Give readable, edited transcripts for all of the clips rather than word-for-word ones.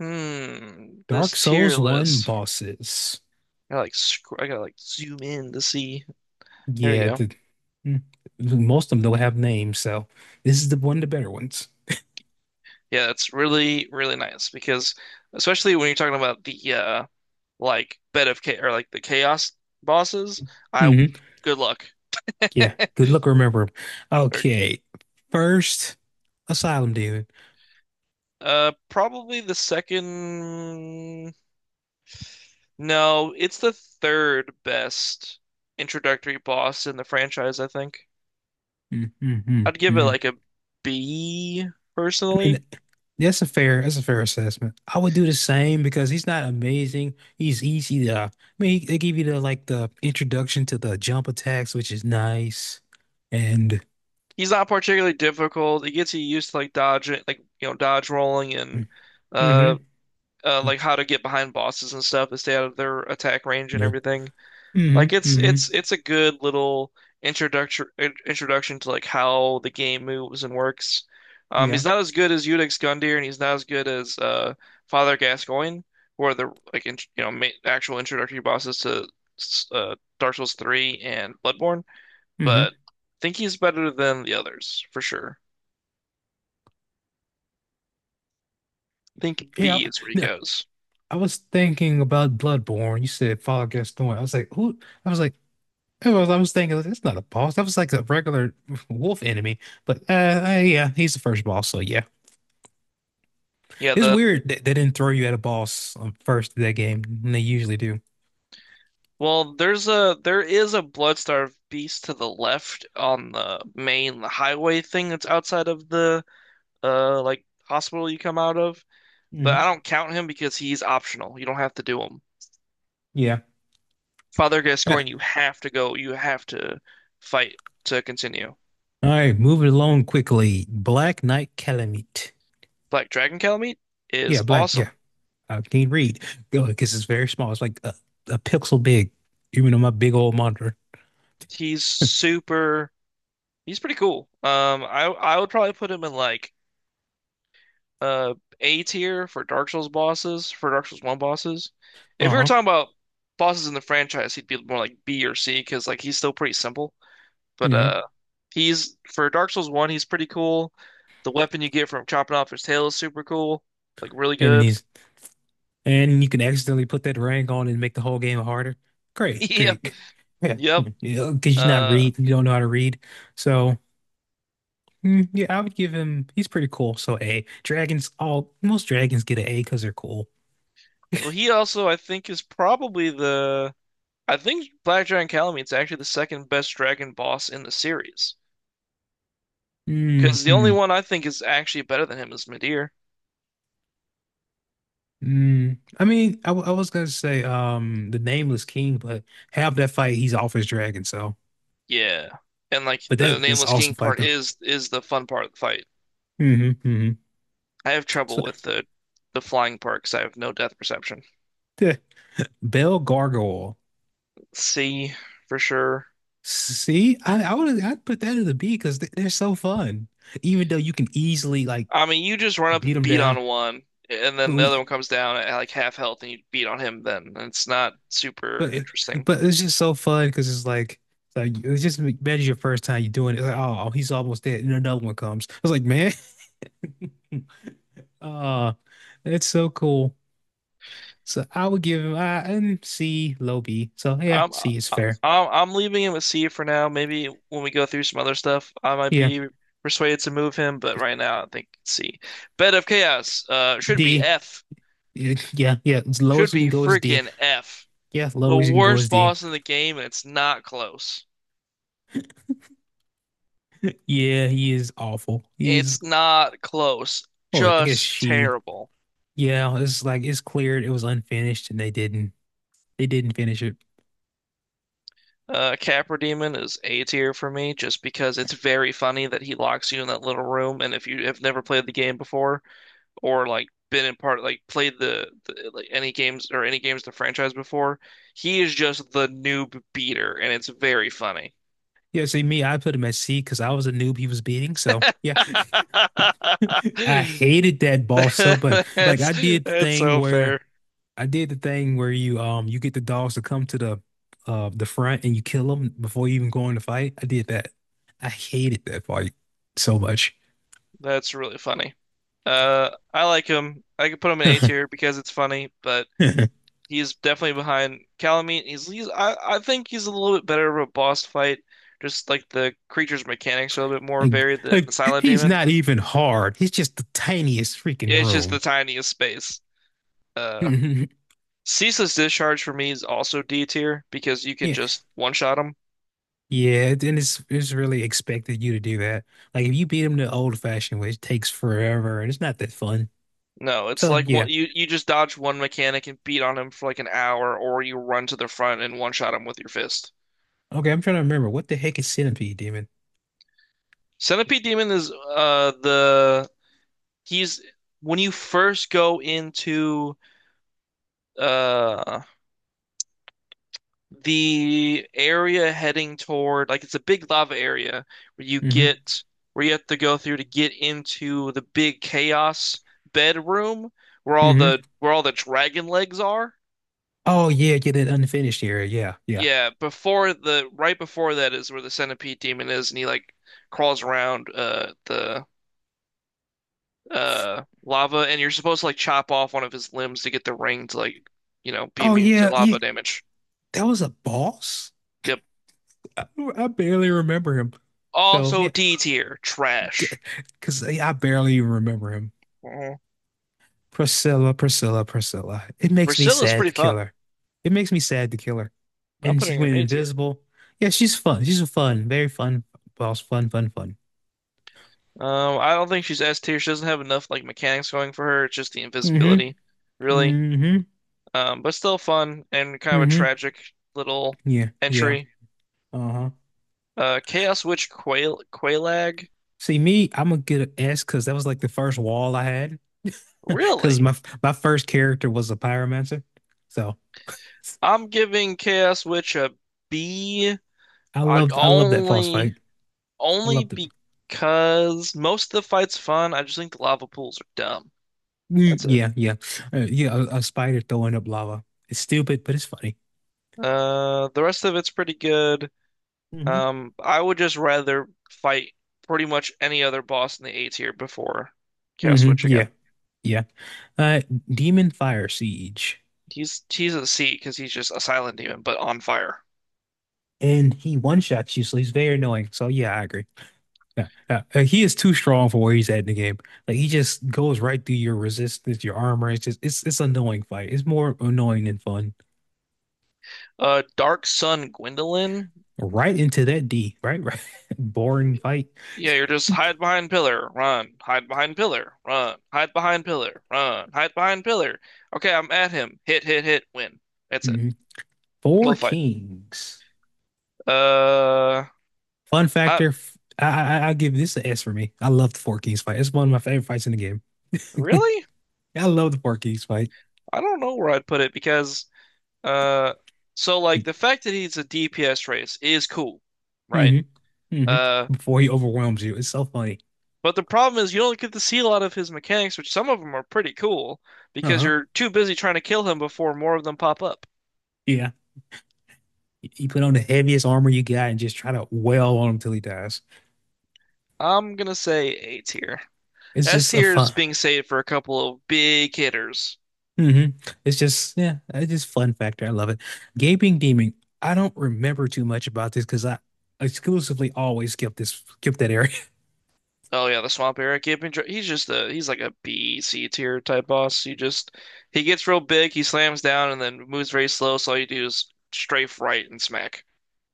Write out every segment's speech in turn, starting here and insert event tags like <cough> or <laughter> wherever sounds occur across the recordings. Hmm, Dark this tier Souls 1 list. bosses. I gotta like zoom in to see. There we Yeah, go. Mm, most of them don't have names, so this is the one of the better ones. Yeah, that's really really nice because especially when you're talking about the like bed of cha or like the chaos bosses. I Hmm Good luck. Yeah, <laughs> good luck remember 'em. Or, Okay, first Asylum Demon. Probably the second. No, it's the third best introductory boss in the franchise. I think Mm-hmm. I'd give it Mm-hmm. like a B I mean, personally. that's a fair assessment. I would do the same because he's not amazing. He's easy to. They give you the like the introduction to the jump attacks, which is nice, and. He's not particularly difficult. It gets you used to like dodging, like dodge rolling and uh, Hmm like how to get behind bosses and stuff to stay out of their attack range and Yeah. everything. hmm Like it's hmm it's it's a good little introduction introduction to like how the game moves and works. Yeah. He's not as good as Eudex Gundyr, and he's not as good as Father Gascoigne, who are the like int you know ma actual introductory bosses to Dark Souls 3 and Bloodborne, hmm but I think he's better than the others for sure. Think Yeah, B is where he n- goes. I was thinking about Bloodborne. You said Fall Guys Thorn. I was like, who? I was like, I was thinking that's not a boss. That was like a regular <laughs> wolf enemy. But yeah, he's the first boss. So yeah, Yeah, it's the weird that they didn't throw you at a boss first of that game. And they usually do. well, there is a Bloodstar beast to the left on the main highway thing that's outside of the like hospital you come out of, but Hmm I don't count him because he's optional. You don't have to do him. Yeah. Father Uh, Gascoigne, you have to go. You have to fight to continue. all right, moving along quickly. Black Knight Calamite. Black Dragon Calamite Yeah, is Black. Yeah, awesome. I can't read because it's very small. It's like a pixel big, even on my big old monitor. He's super. He's pretty cool. I would probably put him in like uh A tier for Dark Souls bosses, for Dark Souls 1 bosses. If we were Uh-huh. talking about bosses in the franchise, he'd be more like B or C because like he's still pretty simple. But hmm he's for Dark Souls 1, he's pretty cool. The weapon you get from chopping off his tail is super cool. Like really and good. he's, <laughs> and you can accidentally put that rank on and make the whole game harder. Great, Yep. great. Yeah, Yep. <laughs> because you're not Uh read, you don't know how to read. So mm, yeah, I would give him. He's pretty cool. So A. Dragons, all most dragons get an A because they're cool. well he also I think is probably the. I think Black Dragon Calamine's actually the second best dragon boss in the series. Because the only hmm one I think is actually better than him is Midir. Mm. I was gonna say the Nameless King, but half that fight he's off his dragon. So, Yeah. And like but the that that's Nameless awesome King fight part though. is the fun part of the fight. Hmm hmm I have So trouble with the flying part because I have no depth perception. <laughs> yeah, Bell Gargoyle. See, for sure. See, I would I'd put that in the B because they're so fun. Even though you can easily like I mean, you just run up beat and them beat down, on one, and but then the we other one comes down at like half health, and you beat on him. Then and it's not super but interesting. but it's just so fun because it's like it's just imagine your first time you're doing it. It's like oh he's almost dead, and another one comes. I was like man, <laughs> uh, it's so cool. So I would give him I and C low B. So yeah, I'm C is I'm fair. I'm leaving him with C for now. Maybe when we go through some other stuff, I might Yeah, be persuaded to move him. But right now, I think C. Bed of Chaos should be D. F. Yeah, yeah. As low Should as we be can go is D. freaking F. Yeah, The low as you can go is worst D. boss in the game, and it's not close. Yeah, he is awful. He's, It's not close. oh, I guess Just she. terrible. Yeah, it's like it's cleared. It was unfinished, and they didn't finish it. Capra Demon is A tier for me just because it's very funny that he locks you in that little room, and if you have never played the game before or like been in part like played the like any games or any games in the franchise before, he is just the noob beater, and it's very funny. Yeah, see me, I put him at C because I was a noob he was beating. So yeah, I <laughs> hated that boss so much. That's that's so fair. I did the thing where you you get the dogs to come to the front and you kill them before you even go in the fight. I did that. I hated that fight so much. That's really funny. I like him. I could put him in A <laughs> tier because it's funny, but he's definitely behind Calamite. I think he's a little bit better of a boss fight. Just like the creature's mechanics are a little bit more varied than the like Silent he's Demon. not even hard. He's just the tiniest freaking It's just the room. tiniest space. <laughs> Uh, Mhm. Ceaseless Discharge for me is also D tier because you can Yeah, just one shot him. yeah, and it's really expected you to do that. Like if you beat him the old fashioned way, it takes forever and it's not that fun. No, it's So like one, yeah, you just dodge one mechanic and beat on him for like an hour, or you run to the front and one shot him with your fist. okay, I'm trying to remember what the heck is Centipede Demon. Centipede Demon is the he's when you first go into uh the area heading toward like it's a big lava area where you Hmm get where you have to go through to get into the big chaos bedroom where all hmm the where all the dragon legs are. Oh yeah, get that unfinished area. Yeah, yeah. Yeah, before the right before that is where the Centipede Demon is and he like crawls around the lava and you're supposed to like chop off one of his limbs to get the ring to like be Oh immune to yeah, yeah. lava damage. That was a boss. Yep. I, I barely remember him. So Also yeah, D tier, <laughs> trash. because I barely even remember him. Mhm. Priscilla, Priscilla, Priscilla. It makes me Priscilla's sad pretty to kill fun. her. It makes me sad to kill her. I'm And she putting her went in A tier. invisible. Yeah, she's fun. She's a fun, very fun boss. Fun, fun, fun. I don't think she's S tier. She doesn't have enough like mechanics going for her. It's just the Mm-hmm. invisibility, really. Mm-hmm. But still fun and kind of a Mm-hmm. tragic little Yeah. Yeah. entry. Uh-huh. Chaos Witch Quailag. See, me, I'm gonna get an S because that was like the first wall I had. <laughs> Because Really? My first character was a pyromancer. So I'm giving Chaos Witch a B. I I love that boss only fight. I loved Only it. because most of the fight's fun. I just think the lava pools are dumb. Mm, That's it. yeah, yeah. Yeah, a spider throwing up lava. It's stupid, but it's funny. The rest of it's pretty good. Mm-hmm. I would just rather fight pretty much any other boss in the A tier before Chaos Witch Mm-hmm. Yeah. again. Yeah. Uh, Demon Fire Siege. He's a C because he's just a silent demon, but on fire. And he one-shots you, so he's very annoying. So yeah, I agree. Yeah, yeah. He is too strong for where he's at in the game. Like he just goes right through your resistance, your armor. It's an annoying fight. It's more annoying than fun. Dark Sun Gwendolyn. Right into that D, right? Right. <laughs> Boring fight. Yeah, you're just hide behind pillar, run, hide behind pillar, run, hide behind pillar, run, hide behind pillar. Okay, I'm at him. Hit, hit, hit, win. That's it. Mhm. Four We'll fight. Kings. Uh, Fun I factor. I'll give this an S for me. I love the Four Kings fight. It's one of my favorite fights in the game. Really? I love the Four Kings fight. I don't know where I'd put it because uh, so like the fact that he's a DPS race is cool, right? Hmm hmm Uh, Before he overwhelms you. It's so funny. but the problem is you don't get to see a lot of his mechanics, which some of them are pretty cool because Uh-huh. you're too busy trying to kill him before more of them pop up. Yeah. You put on the heaviest armor you got and just try to wail on him till he dies. I'm gonna say A tier. It's S just a tier is fun. being saved for a couple of big hitters. Hmm It's just yeah, it's just fun factor. I love it. Gaping Demon. I don't remember too much about this because I exclusively always skip that area. <laughs> Oh yeah, the swamp area keeping. He's just a he's like a B C tier type boss. He just he gets real big, he slams down, and then moves very slow. So all you do is strafe right and smack.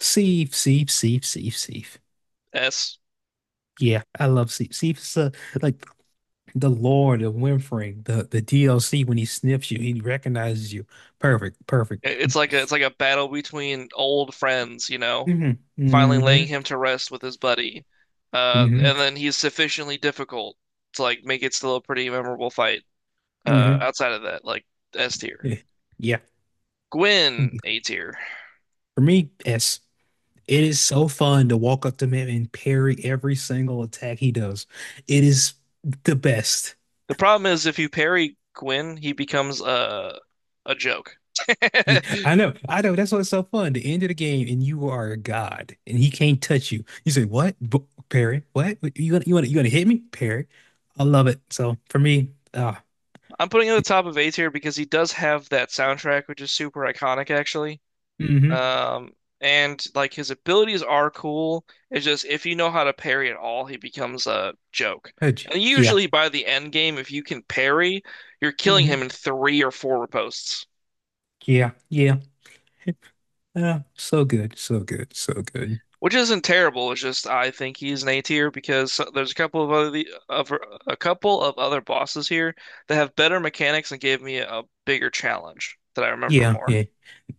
Seif, Seif, Seif, Seif, Seif. S. Yeah, I love Seif. Seif's like the Lord of Winfring, the DLC when he sniffs you, he recognizes you. Perfect, perfect. It's like a battle between old friends, Hmm finally laying hmm him to rest with his buddy. Hmm And then he's sufficiently difficult to like make it still a pretty memorable fight. Hmm Outside of that, like S tier. Yeah. Yeah. Gwyn, A tier. For me, S. It is so fun to walk up to him and parry every single attack he does. It is the best. The problem is if you parry Gwyn, he becomes a joke. <laughs> Yeah, I'm I know, I know. That's what's so fun. The end of the game, and you are a god, and he can't touch you. You say, "What, B parry? What? You gonna hit me, parry?" I love it. So for me, putting it at the top of A tier because he does have that soundtrack, which is super iconic, actually. hmm Um, and like his abilities are cool. It's just if you know how to parry at all, he becomes a joke. And yeah, usually by the end game, if you can parry, you're killing him hmm in three or four riposts, yeah, yeah. <laughs> So good, so good, so good. which isn't terrible. It's just I think he's an A tier because there's a couple of other of a couple of other bosses here that have better mechanics and gave me a bigger challenge that I remember Yeah, more. yeah.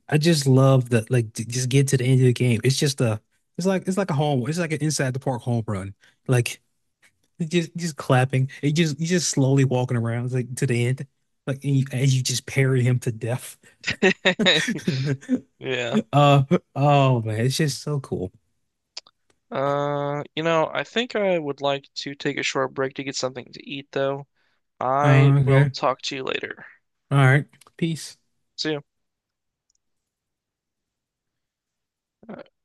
I just love that. Like, just get to the end of the game. It's just it's like a home. It's like an inside the park home run. Like, it just clapping. It just you just slowly walking around like to the end. Like and you, as you just parry him to death. <laughs> <laughs> Yeah. Uh oh man, it's just so cool. I think I would like to take a short break to get something to eat, though. I will Okay. talk to you later. All right. Peace. See you.